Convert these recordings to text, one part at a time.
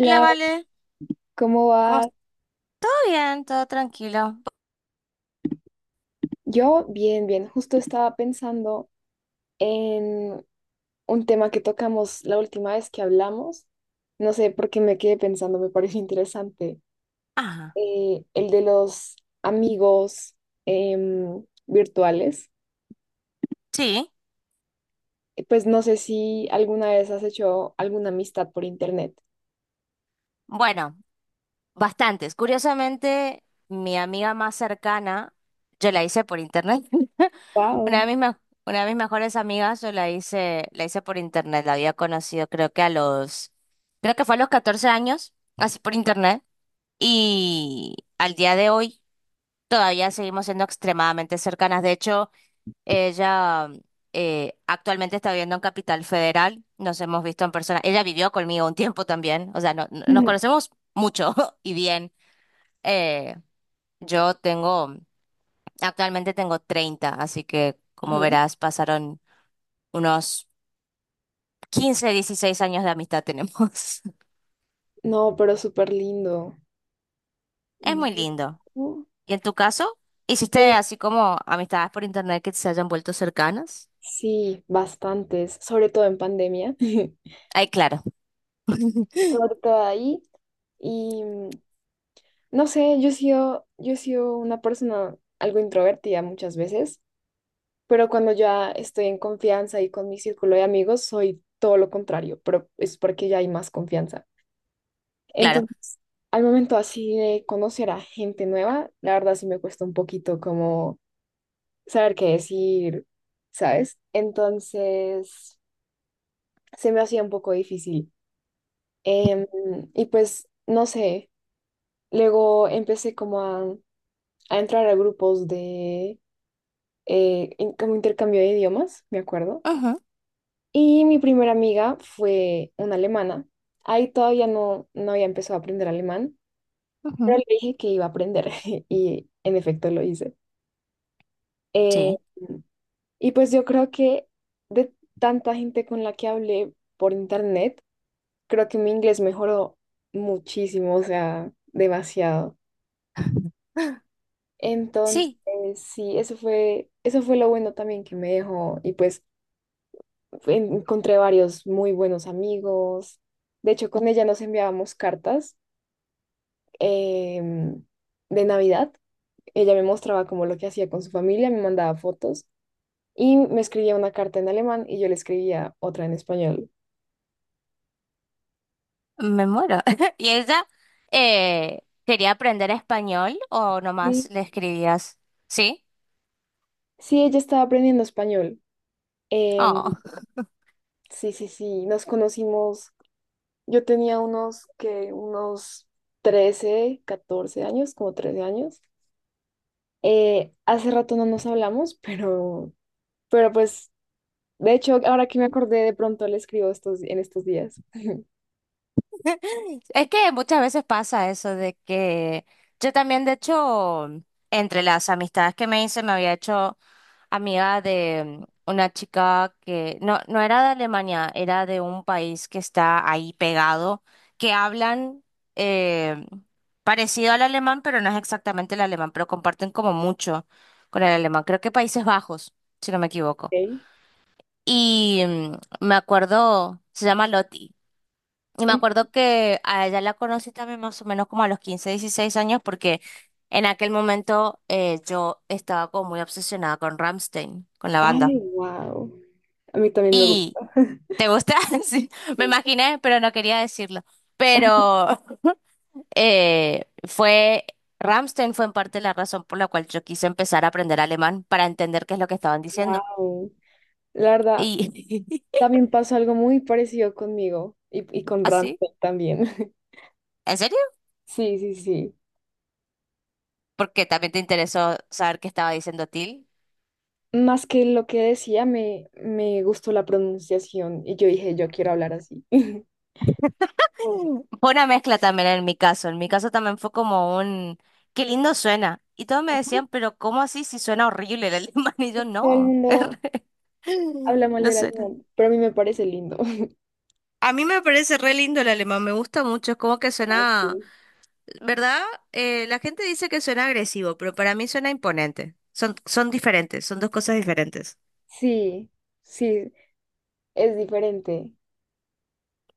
Hola, Vale. ¿cómo ¿Cómo va? estás? ¿Todo bien? ¿Todo tranquilo? Yo bien, bien. Justo estaba pensando en un tema que tocamos la última vez que hablamos. No sé por qué me quedé pensando, me pareció interesante. Ajá. El de los amigos virtuales. Sí. Pues no sé si alguna vez has hecho alguna amistad por internet. Bueno, bastantes. Curiosamente, mi amiga más cercana, yo la hice por internet. Wow. Una de mis, me- una de mis mejores amigas, yo la hice por internet. La había conocido creo que fue a los 14 años, así por internet. Y al día de hoy todavía seguimos siendo extremadamente cercanas. De hecho, ella actualmente está viviendo en Capital Federal, nos hemos visto en persona. Ella vivió conmigo un tiempo también, o sea, nos conocemos mucho y bien. Eh, yo tengo, actualmente tengo 30, así que como Ajá. verás, pasaron unos 15 16 años de amistad tenemos. No, pero súper lindo. Es muy lindo. Yo, ¿Y en tu caso? ¿Hiciste pues así como amistades por internet que se hayan vuelto cercanas? sí, bastantes, sobre todo en pandemia. Ay, claro, Corta ahí. Y mm, no sé, yo he sido una persona algo introvertida muchas veces, pero cuando ya estoy en confianza y con mi círculo de amigos, soy todo lo contrario, pero es porque ya hay más confianza. claro. Entonces, al momento así de conocer a gente nueva, la verdad sí me cuesta un poquito como saber qué decir, ¿sabes? Entonces, se me hacía un poco difícil. Em, y pues, no sé, luego empecé como a entrar a grupos de como intercambio de idiomas, me acuerdo. Ujú, Y mi primera amiga fue una alemana. Ahí todavía no, no había empezado a aprender alemán, pero ujú. le dije que iba a aprender y en efecto lo hice. Eh, Sí. y pues yo creo que de tanta gente con la que hablé por internet, creo que mi inglés mejoró muchísimo, o sea, demasiado. Entonces, Sí. sí, eso fue lo bueno también que me dejó y pues encontré varios muy buenos amigos. De hecho, con ella nos enviábamos cartas em, de Navidad. Ella me mostraba como lo que hacía con su familia, me mandaba fotos y me escribía una carta en alemán y yo le escribía otra en español. Me muero. ¿Y ella quería aprender español o nomás Sí. le escribías? ¿Sí? Sí, ella estaba aprendiendo español. Em, Oh. sí, sí, sí, nos conocimos. Yo tenía unos 13 14 años, como 13 años. Hace rato no nos hablamos, pero pues de hecho, ahora que me acordé, de pronto le escribo en estos días. Es que muchas veces pasa eso de que yo también, de hecho, entre las amistades que me hice, me había hecho amiga de una chica que no era de Alemania, era de un país que está ahí pegado, que hablan eh, parecido al alemán, pero no es exactamente el alemán, pero comparten como mucho con el alemán. Creo que Países Bajos, si no me equivoco. Ok. Y me acuerdo, se llama Loti. Y me Mm. acuerdo que a ella la conocí también más o menos como a los 15 16 años, porque en aquel momento yo estaba como muy obsesionada con Rammstein, con la banda. Ay, wow. A mí también me Y, gusta. ¿te gusta? Sí, me imaginé, pero no quería decirlo. Pero eh, fue, Rammstein fue en parte la razón por la cual yo quise empezar a aprender alemán para entender qué es lo que estaban diciendo. Wow. La verdad, Y también pasó algo muy parecido conmigo y con así, Ramsey también. ¿en serio? Sí, sí, sí. Porque también te interesó saber qué estaba diciendo Till. Más que lo que decía, me gustó la pronunciación y yo dije, yo quiero hablar así. Fue una mezcla también en mi caso. En mi caso también fue como un, qué lindo suena. Y todos me decían, pero ¿cómo así si suena horrible el alemán? Y yo, Todo el no, mundo habla mal no del suena. alemán, pero a mí me parece lindo. A mí me parece re lindo el alemán, me gusta mucho, es como que Ay, sí, suena, ¿verdad? La gente dice que suena agresivo, pero para mí suena imponente. Son, son diferentes, son dos cosas diferentes. sí, sí, es diferente.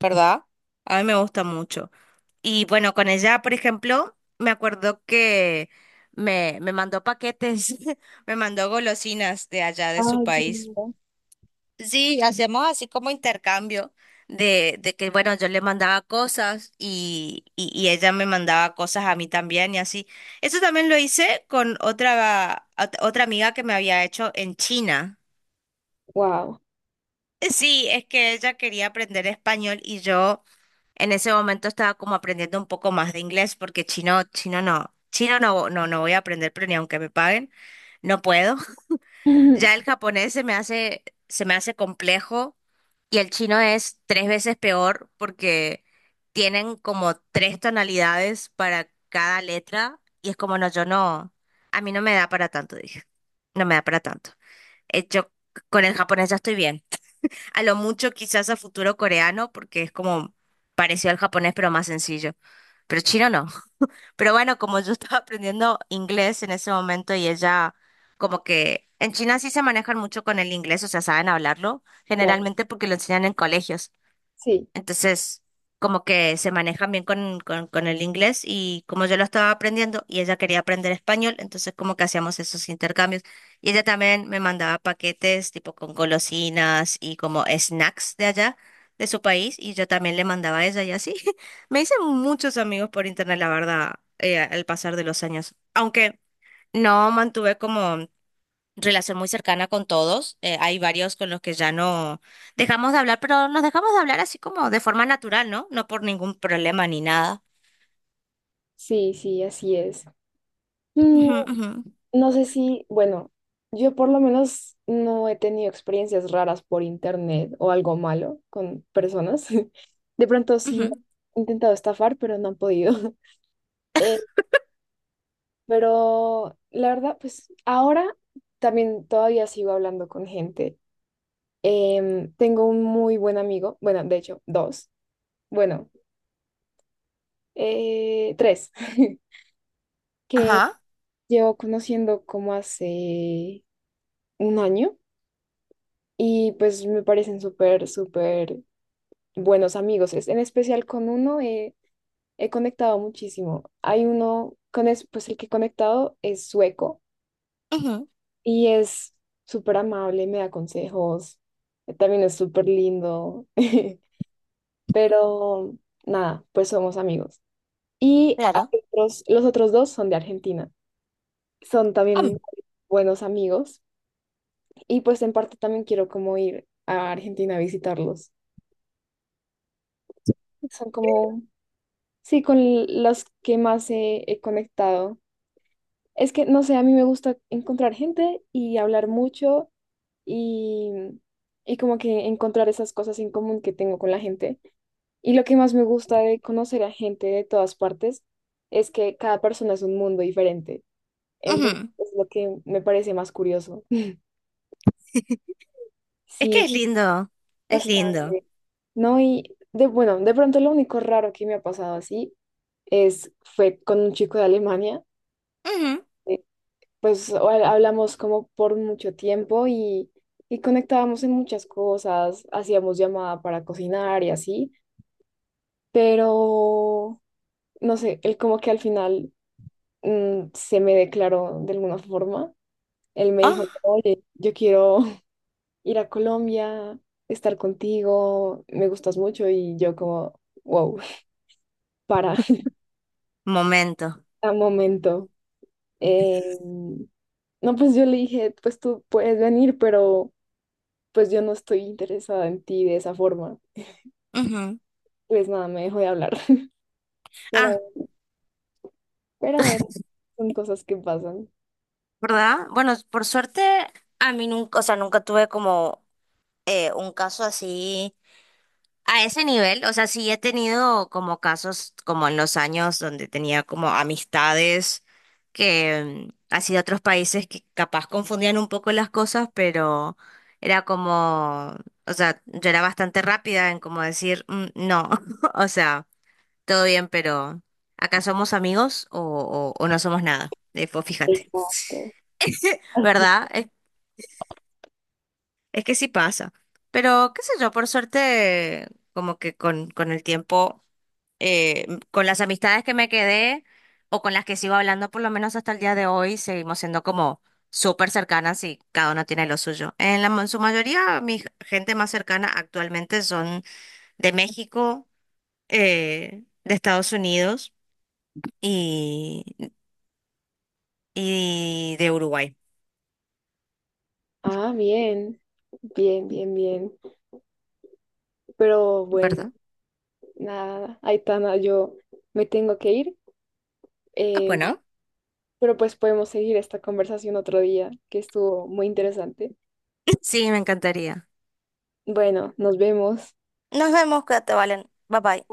¿Verdad? A mí me gusta mucho. Y bueno, con ella, por ejemplo, me acuerdo que me mandó paquetes, me mandó golosinas de allá de su Ay, qué país. lindo. Sí, hacíamos así como intercambio de que, bueno, yo le mandaba cosas y ella me mandaba cosas a mí también y así. Eso también lo hice con otra amiga que me había hecho en China. Wow. Sí, es que ella quería aprender español y yo... En ese momento estaba como aprendiendo un poco más de inglés porque chino no, voy a aprender, pero ni aunque me paguen, no puedo. Ya el japonés se me hace complejo y el chino es tres veces peor porque tienen como tres tonalidades para cada letra y es como no, yo no, a mí no me da para tanto, dije, no me da para tanto. Yo con el japonés ya estoy bien. A lo mucho quizás a futuro coreano, porque es como parecido al japonés, pero más sencillo. Pero chino no. Pero bueno, como yo estaba aprendiendo inglés en ese momento y ella, como que en China sí se manejan mucho con el inglés, o sea, saben hablarlo, Claro, generalmente porque lo enseñan en colegios. sí, Entonces, como que se manejan bien con, con el inglés y como yo lo estaba aprendiendo y ella quería aprender español, entonces como que hacíamos esos intercambios. Y ella también me mandaba paquetes tipo con golosinas y como snacks de allá, de su país, y yo también le mandaba a ella y así. Me hice muchos amigos por internet, la verdad, al pasar de los años. Aunque no mantuve como relación muy cercana con todos. Hay varios con los que ya no dejamos de hablar, pero nos dejamos de hablar así como de forma natural, ¿no? No por ningún problema ni nada. sí, sí, así es. Mm, Ujú, ujú, no sé si, bueno, yo por lo menos no he tenido experiencias raras por internet o algo malo con personas. De pronto sí me ujú. han intentado estafar, pero no han podido. Eh, pero la verdad, pues ahora también todavía sigo hablando con gente. Em, tengo un muy buen amigo, bueno, de hecho, dos, bueno, tres. Que Ajá. llevo conociendo como hace un año y pues me parecen súper, súper buenos amigos. En especial con uno he conectado muchísimo. Hay uno pues el que he conectado es sueco Ujú, y es súper amable, me da consejos, también es súper lindo, pero nada, pues somos amigos. Y claro. hay otros, los otros dos son de Argentina. Son también Am, buenos amigos. Y pues en parte también quiero como ir a Argentina a visitarlos. Son como, sí, con los que más he conectado. Es que, no sé, a mí me gusta encontrar gente y hablar mucho y, y como que encontrar esas cosas en común que tengo con la gente. Y lo que más me gusta de conocer a gente de todas partes es que cada persona es un mundo diferente. Entonces, ujú. es lo que me parece más curioso. Es que Sí. es lindo. Es lindo. Bastante. No, y de bueno, de pronto lo único raro que me ha pasado así es fue con un chico de Alemania. Ujú. eh, Pues hablamos como por mucho tiempo y conectábamos en muchas cosas, hacíamos llamada para cocinar y así, pero no sé, él como que al final mm, se me declaró de alguna forma. Él me dijo, Oh, oye, yo quiero ir a Colombia, estar contigo, me gustas mucho y yo como, wow, para. momento. A momento. Em, no, pues yo le dije, pues tú puedes venir, pero pues yo no estoy interesada en ti de esa forma. Ujú. Pues nada, me dejó de hablar. Ah, Pero, pero bueno, son cosas que pasan. ¿verdad? Bueno, por suerte, a mí nunca, o sea, nunca tuve como un caso así a ese nivel, o sea, sí he tenido como casos como en los años donde tenía como amistades que así de otros países que capaz confundían un poco las cosas, pero era como, o sea, yo era bastante rápida en como decir, "Mm, no, o sea, todo bien, pero acá somos amigos o no somos nada". Pues fíjate, Exacto. Así. ¿verdad? Es que sí pasa. Pero qué sé yo, por suerte, como que con el tiempo... con las amistades que me quedé o con las que sigo hablando, por lo menos hasta el día de hoy, seguimos siendo como súper cercanas y cada uno tiene lo suyo. En la, en su mayoría, mi gente más cercana actualmente son de México, de Estados Unidos y, y de Uruguay, Ah, bien, bien, bien, bien. Pero bueno, ¿verdad? nada, Aitana, yo me tengo que ir. Ah, eh, bueno. pero pues podemos seguir esta conversación otro día, que estuvo muy interesante. Sí, me encantaría. Bueno, nos vemos. Nos vemos, que te Valen. Bye bye.